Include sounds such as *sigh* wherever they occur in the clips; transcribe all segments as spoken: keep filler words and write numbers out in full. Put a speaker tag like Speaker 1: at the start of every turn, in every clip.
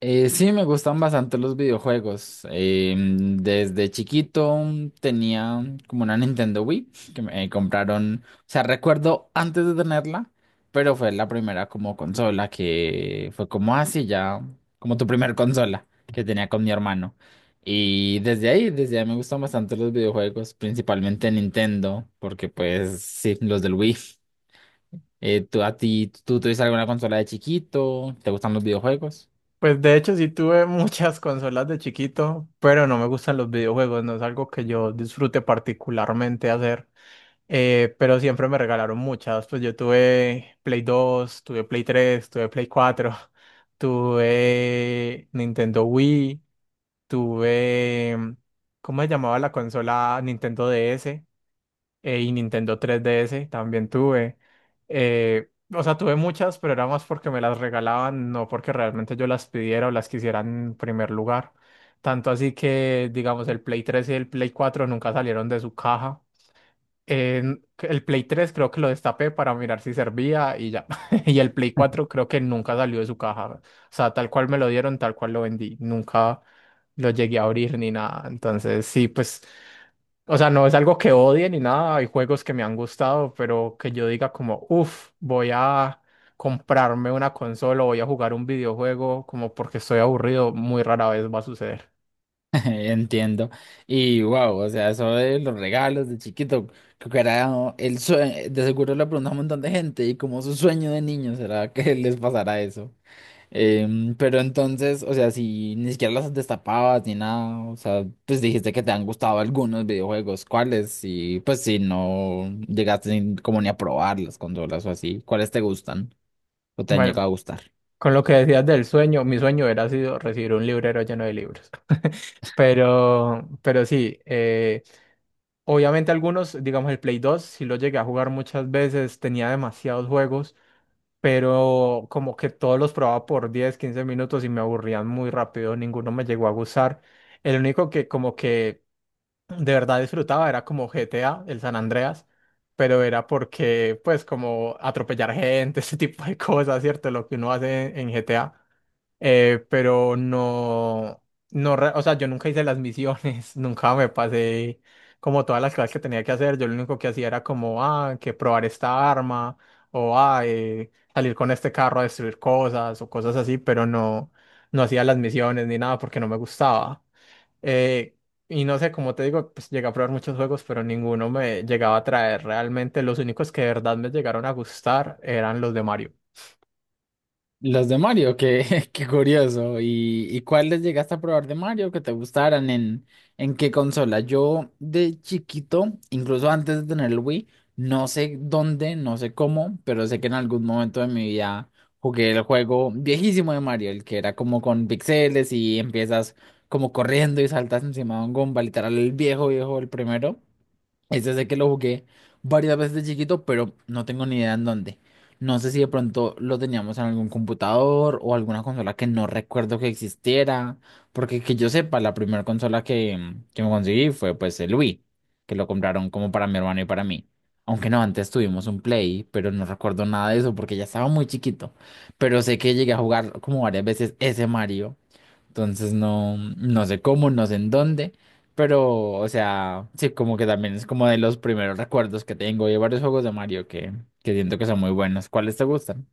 Speaker 1: Eh, sí, me gustan bastante los videojuegos. Em, desde chiquito tenía como una Nintendo Wii que me compraron. O sea, recuerdo antes de tenerla, pero fue la primera como consola que fue como así ya, como tu primer consola que tenía con mi hermano. Y desde ahí, desde ahí me gustan bastante los videojuegos, principalmente Nintendo, porque pues sí, los del Wii. Eh, ¿tú a ti, tú tuviste alguna consola de chiquito? ¿Te gustan los videojuegos?
Speaker 2: Pues de hecho sí tuve *laughs* muchas consolas de chiquito, pero no me gustan los videojuegos, no es algo que yo disfrute particularmente hacer, eh, pero siempre me regalaron muchas. Pues yo tuve Play dos, tuve Play tres, tuve Play cuatro, *laughs* tuve Nintendo Wii, tuve, ¿cómo se llamaba la consola? Nintendo D S, eh, y Nintendo tres D S también tuve. Eh, o sea, tuve muchas, pero era más porque me las regalaban, no porque realmente yo las pidiera o las quisiera en primer lugar. Tanto así que, digamos, el Play tres y el Play cuatro nunca salieron de su caja. En- el Play tres creo que lo destapé para mirar si servía y ya. *laughs* Y el Play cuatro creo que nunca salió de su caja. O sea, tal cual me lo dieron, tal cual lo vendí. Nunca lo llegué a abrir ni nada. Entonces, sí, pues. O sea, no es algo que odie ni nada, hay juegos que me han gustado, pero que yo diga como, uff, voy a comprarme una consola, voy a jugar un videojuego, como porque estoy aburrido, muy rara vez va a suceder.
Speaker 1: *laughs* Entiendo. Y wow, o sea, eso de los regalos de chiquito, creo que era el sueño, de seguro le preguntó a un montón de gente y como su sueño de niño será que *laughs* les pasara eso. Em, pero entonces, o sea, si ni siquiera las destapabas ni nada, o sea, pues dijiste que te han gustado algunos videojuegos, ¿cuáles? Y pues si no llegaste ni- como ni a probar las consolas o así, ¿cuáles te gustan o te han
Speaker 2: Bueno,
Speaker 1: llegado a gustar?
Speaker 2: con lo que decías del sueño, mi sueño hubiera sido recibir un librero lleno de libros. *laughs* Pero, pero sí, eh, obviamente algunos, digamos el Play dos si lo llegué a jugar muchas veces, tenía demasiados juegos, pero como que todos los probaba por diez quince minutos y me aburrían muy rápido, ninguno me llegó a gustar. El único que como que de verdad disfrutaba era como G T A, el San Andreas, pero era porque pues como atropellar gente, *laughs* ese tipo de cosas, ¿cierto? Lo que uno hace en G T A, eh, pero no, no, re- o sea, yo nunca hice las misiones, *laughs* nunca me pasé como todas las cosas que tenía que hacer. Yo lo único que hacía era como, ah, que probar esta arma, o ah, eh, salir con este carro a destruir cosas, o cosas así, pero no, no hacía las misiones ni nada porque no me gustaba. Eh, y no sé, como te digo, pues llegué a probar muchos juegos, pero ninguno me llegaba a traer realmente, los únicos que de verdad me llegaron a gustar eran los de Mario.
Speaker 1: Los de Mario, qué, *laughs* qué curioso. ¿Y, y cuáles llegaste a probar de Mario que te gustaran? ¿En, en qué consola? Yo de chiquito, incluso antes de tener el Wii, no sé dónde, no sé cómo, pero sé que en algún momento de mi vida jugué el juego viejísimo de Mario, el que era como con pixeles y empiezas como corriendo y saltas encima de un Goomba, literal el viejo, viejo, el primero. Es desde que lo jugué varias veces de chiquito, pero no tengo ni idea en dónde. No sé si de pronto lo teníamos en algún computador o alguna consola que no recuerdo que existiera, porque que yo sepa, la primera consola que, mm, que me conseguí fue pues el Wii, que lo compraron como para mi hermano y para mí. Aunque no, antes tuvimos un Play, pero no recuerdo nada de eso porque ya estaba muy chiquito. Pero sé que llegué a jugar como varias veces ese Mario. Entonces no, no sé cómo, no sé en dónde, pero, o sea, sí, como que también es como de los primeros recuerdos que tengo de varios juegos de Mario que, que siento que son muy buenos. ¿Cuáles te gustan?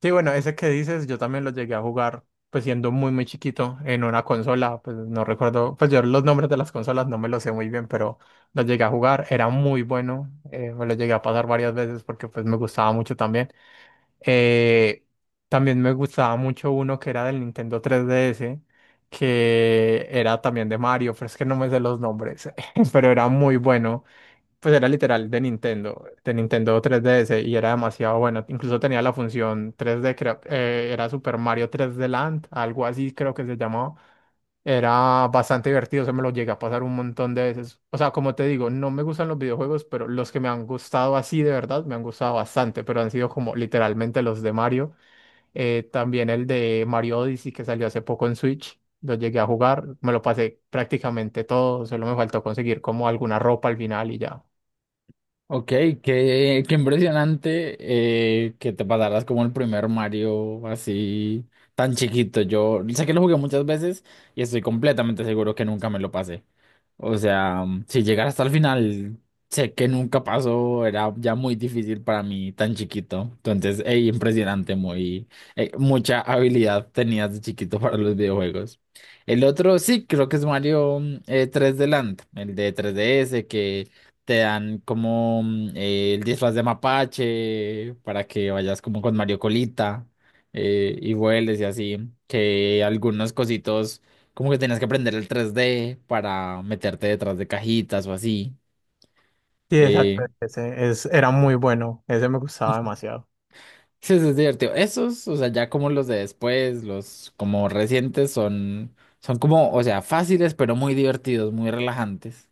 Speaker 2: Sí, bueno, ese que dices, yo también lo llegué a jugar, pues siendo muy, muy chiquito, en una consola, pues no recuerdo, pues yo los nombres de las consolas no me los sé muy bien, pero lo llegué a jugar, era muy bueno, eh, me lo llegué a pasar varias veces porque pues me gustaba mucho también. Eh, también me gustaba mucho uno que era del Nintendo tres D S, que era también de Mario, pero es que no me sé los nombres, *laughs* pero era muy bueno. Pues era literal de Nintendo, de Nintendo tres D S y era demasiado bueno. Incluso tenía la función tres D, creo, eh, era Super Mario tres D Land, algo así creo que se llamaba. Era bastante divertido, se me lo llegué a pasar un montón de veces. O sea, como te digo, no me gustan los videojuegos, pero los que me han gustado así de verdad me han gustado bastante, pero han sido como literalmente los de Mario. Eh, también el de Mario Odyssey que salió hace poco en Switch, lo llegué a jugar, me lo pasé prácticamente todo, solo me faltó conseguir como alguna ropa al final y ya.
Speaker 1: Ok, qué, qué impresionante eh, que te pasaras como el primer Mario así tan chiquito. Yo sé que lo jugué muchas veces y estoy completamente seguro que nunca me lo pasé. O sea, mm, si llegar hasta el final, sé que nunca pasó, era ya muy difícil para mí tan chiquito. Entonces, ey, impresionante, muy, eh, mucha habilidad tenías de chiquito para los videojuegos. El otro sí, creo que es Mario mm, eh, tres D Land, el de tres D S, que te dan como mm, eh, el disfraz de mapache para que vayas como con Mario Colita eh, y vueles y así, que algunos cositos como que tenías que aprender el tres D para meterte detrás de cajitas o así.
Speaker 2: Sí, exacto,
Speaker 1: Eh,
Speaker 2: ese es, era muy bueno, ese me gustaba demasiado.
Speaker 1: sí, eso es divertido. Esos, o sea, ya como los de después, los como recientes, son, son como, o sea, fáciles, pero muy divertidos, muy relajantes.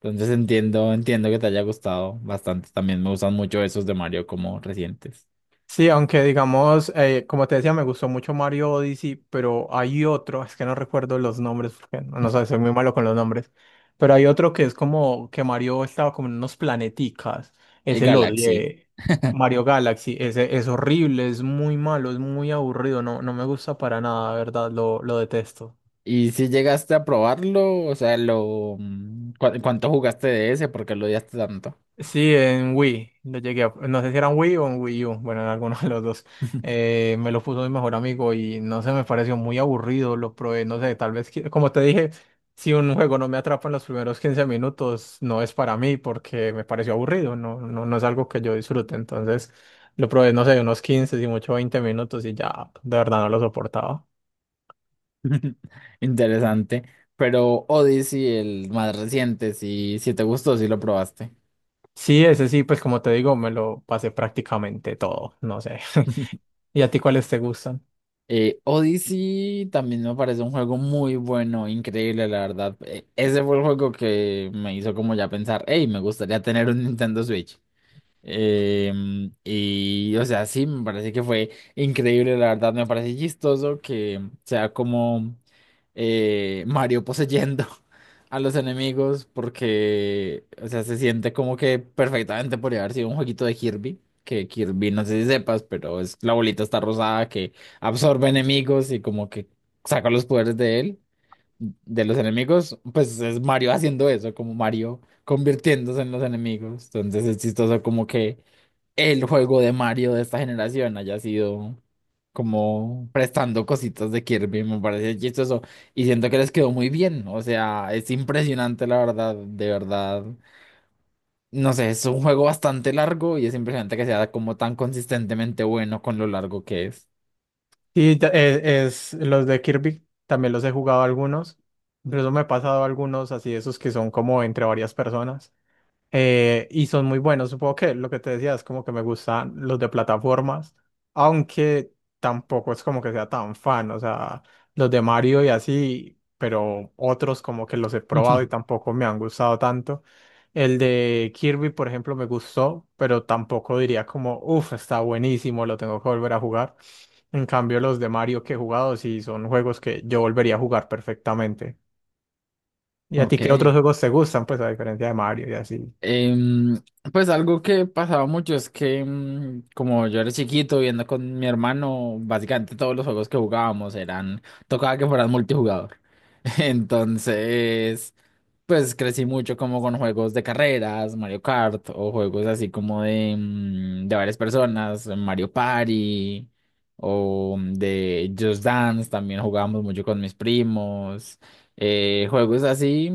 Speaker 1: Entonces entiendo, entiendo que te haya gustado bastante. También me gustan mucho esos de Mario como recientes.
Speaker 2: Sí, aunque digamos, eh, como te decía, me gustó mucho Mario Odyssey, pero hay otro, es que no recuerdo los nombres, porque no, no sé, soy muy malo con los nombres, pero hay otro que es como que Mario estaba como en unos planeticas,
Speaker 1: El
Speaker 2: ese lo
Speaker 1: Galaxy.
Speaker 2: odié, Mario Galaxy, ese es horrible, es muy malo, es muy aburrido, no, no me gusta para nada, de verdad, lo, lo detesto.
Speaker 1: ¿Y si llegaste a probarlo? O sea, lo, mm, ¿cu- ¿cuánto jugaste de ese? ¿Por qué lo odiaste tanto?
Speaker 2: Sí, en Wii, lo llegué a- no sé si era en Wii o en Wii U, bueno, en alguno de los dos. Eh, me lo puso mi mejor amigo y no sé, me pareció muy aburrido, lo probé, no sé, tal vez, que- como te dije, si un juego no me atrapa en los primeros quince minutos, no es para mí porque me pareció aburrido, no, no, no es algo que yo disfrute, entonces lo probé, no sé, unos quince y mucho veinte minutos y ya, de verdad no lo soportaba.
Speaker 1: *laughs* Interesante. Pero Odyssey, el más reciente, si, si te gustó, si lo probaste.
Speaker 2: Sí, ese sí, pues como te digo, me lo pasé prácticamente todo, no sé. *laughs* ¿Y a ti cuáles te gustan?
Speaker 1: Eh, Odyssey también me parece un juego muy bueno, increíble, la verdad. Eh, ese fue el juego que me hizo como ya pensar, hey, me gustaría tener un Nintendo Switch. Em, y, o sea, sí, me parece que fue increíble, la verdad, me parece chistoso que sea como eh, Mario poseyendo *laughs* a los enemigos, porque, o sea, se siente como que perfectamente podría haber sido un jueguito de Kirby, que Kirby, no sé si sepas, pero es la bolita está rosada que absorbe enemigos y como que saca los poderes de él, de los enemigos, pues es Mario haciendo eso, como Mario convirtiéndose en los enemigos. Entonces es chistoso como que el juego de Mario de esta generación haya sido como prestando cositas de Kirby, me parece chistoso y siento que les quedó muy bien, o sea, es impresionante la verdad, de verdad. No sé, es un juego bastante largo y es impresionante que sea como tan consistentemente bueno con lo largo que es.
Speaker 2: Sí, ta- eh, es, los de Kirby, también los he jugado algunos, incluso me he pasado algunos así, esos que son como entre varias personas. Eh, y son muy buenos, supongo que lo que te decía es como que me gustan los de plataformas, aunque tampoco es como que sea tan fan, o sea, los de Mario y así, pero otros como que los he probado y
Speaker 1: *laughs*
Speaker 2: tampoco me han gustado tanto. El de Kirby, por ejemplo, me gustó, pero tampoco diría como, uff, está buenísimo, lo tengo que volver a jugar. En cambio, los de Mario que he jugado sí son juegos que yo volvería a jugar perfectamente. ¿Y a ti
Speaker 1: Ok.
Speaker 2: qué otros juegos te gustan, pues a diferencia de Mario y así?
Speaker 1: Em, pues algo que pasaba mucho es que em, como yo era chiquito viendo con mi hermano, básicamente todos los juegos que jugábamos eran, tocaba que fueran multijugador. *laughs* Entonces, pues crecí mucho como con juegos de carreras, Mario Kart o juegos así como de, mm, de varias personas, Mario Party o de Just Dance, también jugábamos mucho con mis primos, eh, juegos así.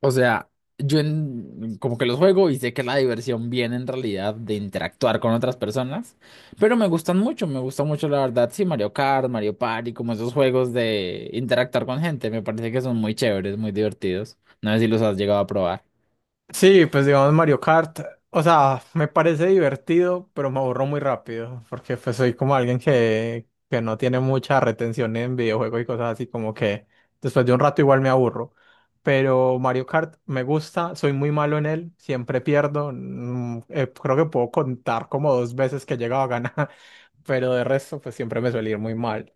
Speaker 1: O sea, yo en- como que los juego y sé que la diversión viene en realidad de interactuar con otras personas, pero me gustan mucho, me gusta mucho la verdad, sí, Mario Kart, Mario Party, como esos juegos de interactuar con gente, me parece que son muy chéveres, muy divertidos. No sé si los has llegado a probar.
Speaker 2: Sí, pues digamos Mario Kart, o sea, me parece divertido, pero me aburro muy rápido, porque pues soy como alguien que, que no tiene mucha retención en videojuegos y cosas así, como que después de un rato igual me aburro. Pero Mario Kart me gusta, soy muy malo en él, siempre pierdo, mm, eh, creo que puedo contar como dos veces que he llegado a ganar, *laughs* pero de resto pues siempre me suele ir muy mal.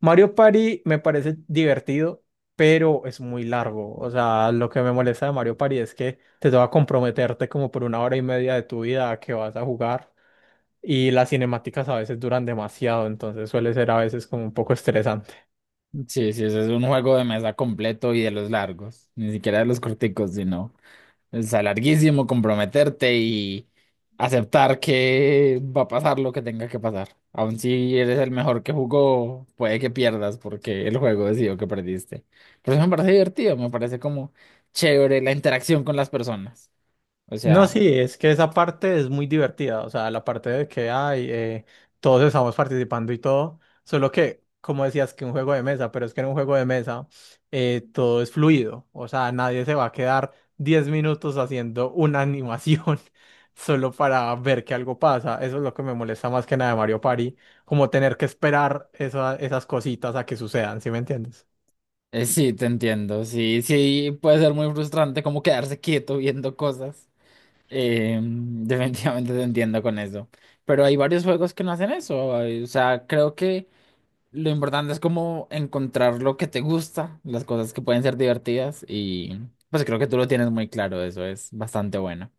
Speaker 2: Mario Party me parece divertido pero es muy largo. O sea, lo que me molesta de Mario Party es que te toca comprometerte como por una hora y media de tu vida a que vas a jugar y las cinemáticas a veces duran demasiado, entonces suele ser a veces como un poco estresante.
Speaker 1: Sí, sí, ese es un juego de mesa completo y de los largos, ni siquiera de los corticos, sino... Es a larguísimo comprometerte y aceptar que va a pasar lo que tenga que pasar. Aun si eres el mejor que jugó, puede que pierdas porque el juego decidió que perdiste. Pero eso me parece divertido, me parece como chévere la interacción con las personas. O
Speaker 2: No,
Speaker 1: sea,
Speaker 2: sí, es que esa parte es muy divertida, o sea, la parte de que ay, eh, todos estamos participando y todo, solo que, como decías, que un juego de mesa, pero es que en un juego de mesa eh, todo es fluido, o sea, nadie se va a quedar diez minutos haciendo una animación *laughs* solo para ver que algo pasa, eso es lo que me molesta más que nada de Mario Party, como tener que esperar esa- esas cositas a que sucedan, ¿sí me entiendes?
Speaker 1: eh, sí, te entiendo. Sí, sí, puede ser muy frustrante como quedarse quieto viendo cosas. Eh, *laughs* definitivamente te entiendo con eso. Pero hay varios juegos que no hacen eso. O sea, creo que... Lo importante es como encontrar lo que te gusta, las cosas que pueden ser divertidas y pues creo que tú lo tienes muy claro, eso es bastante bueno.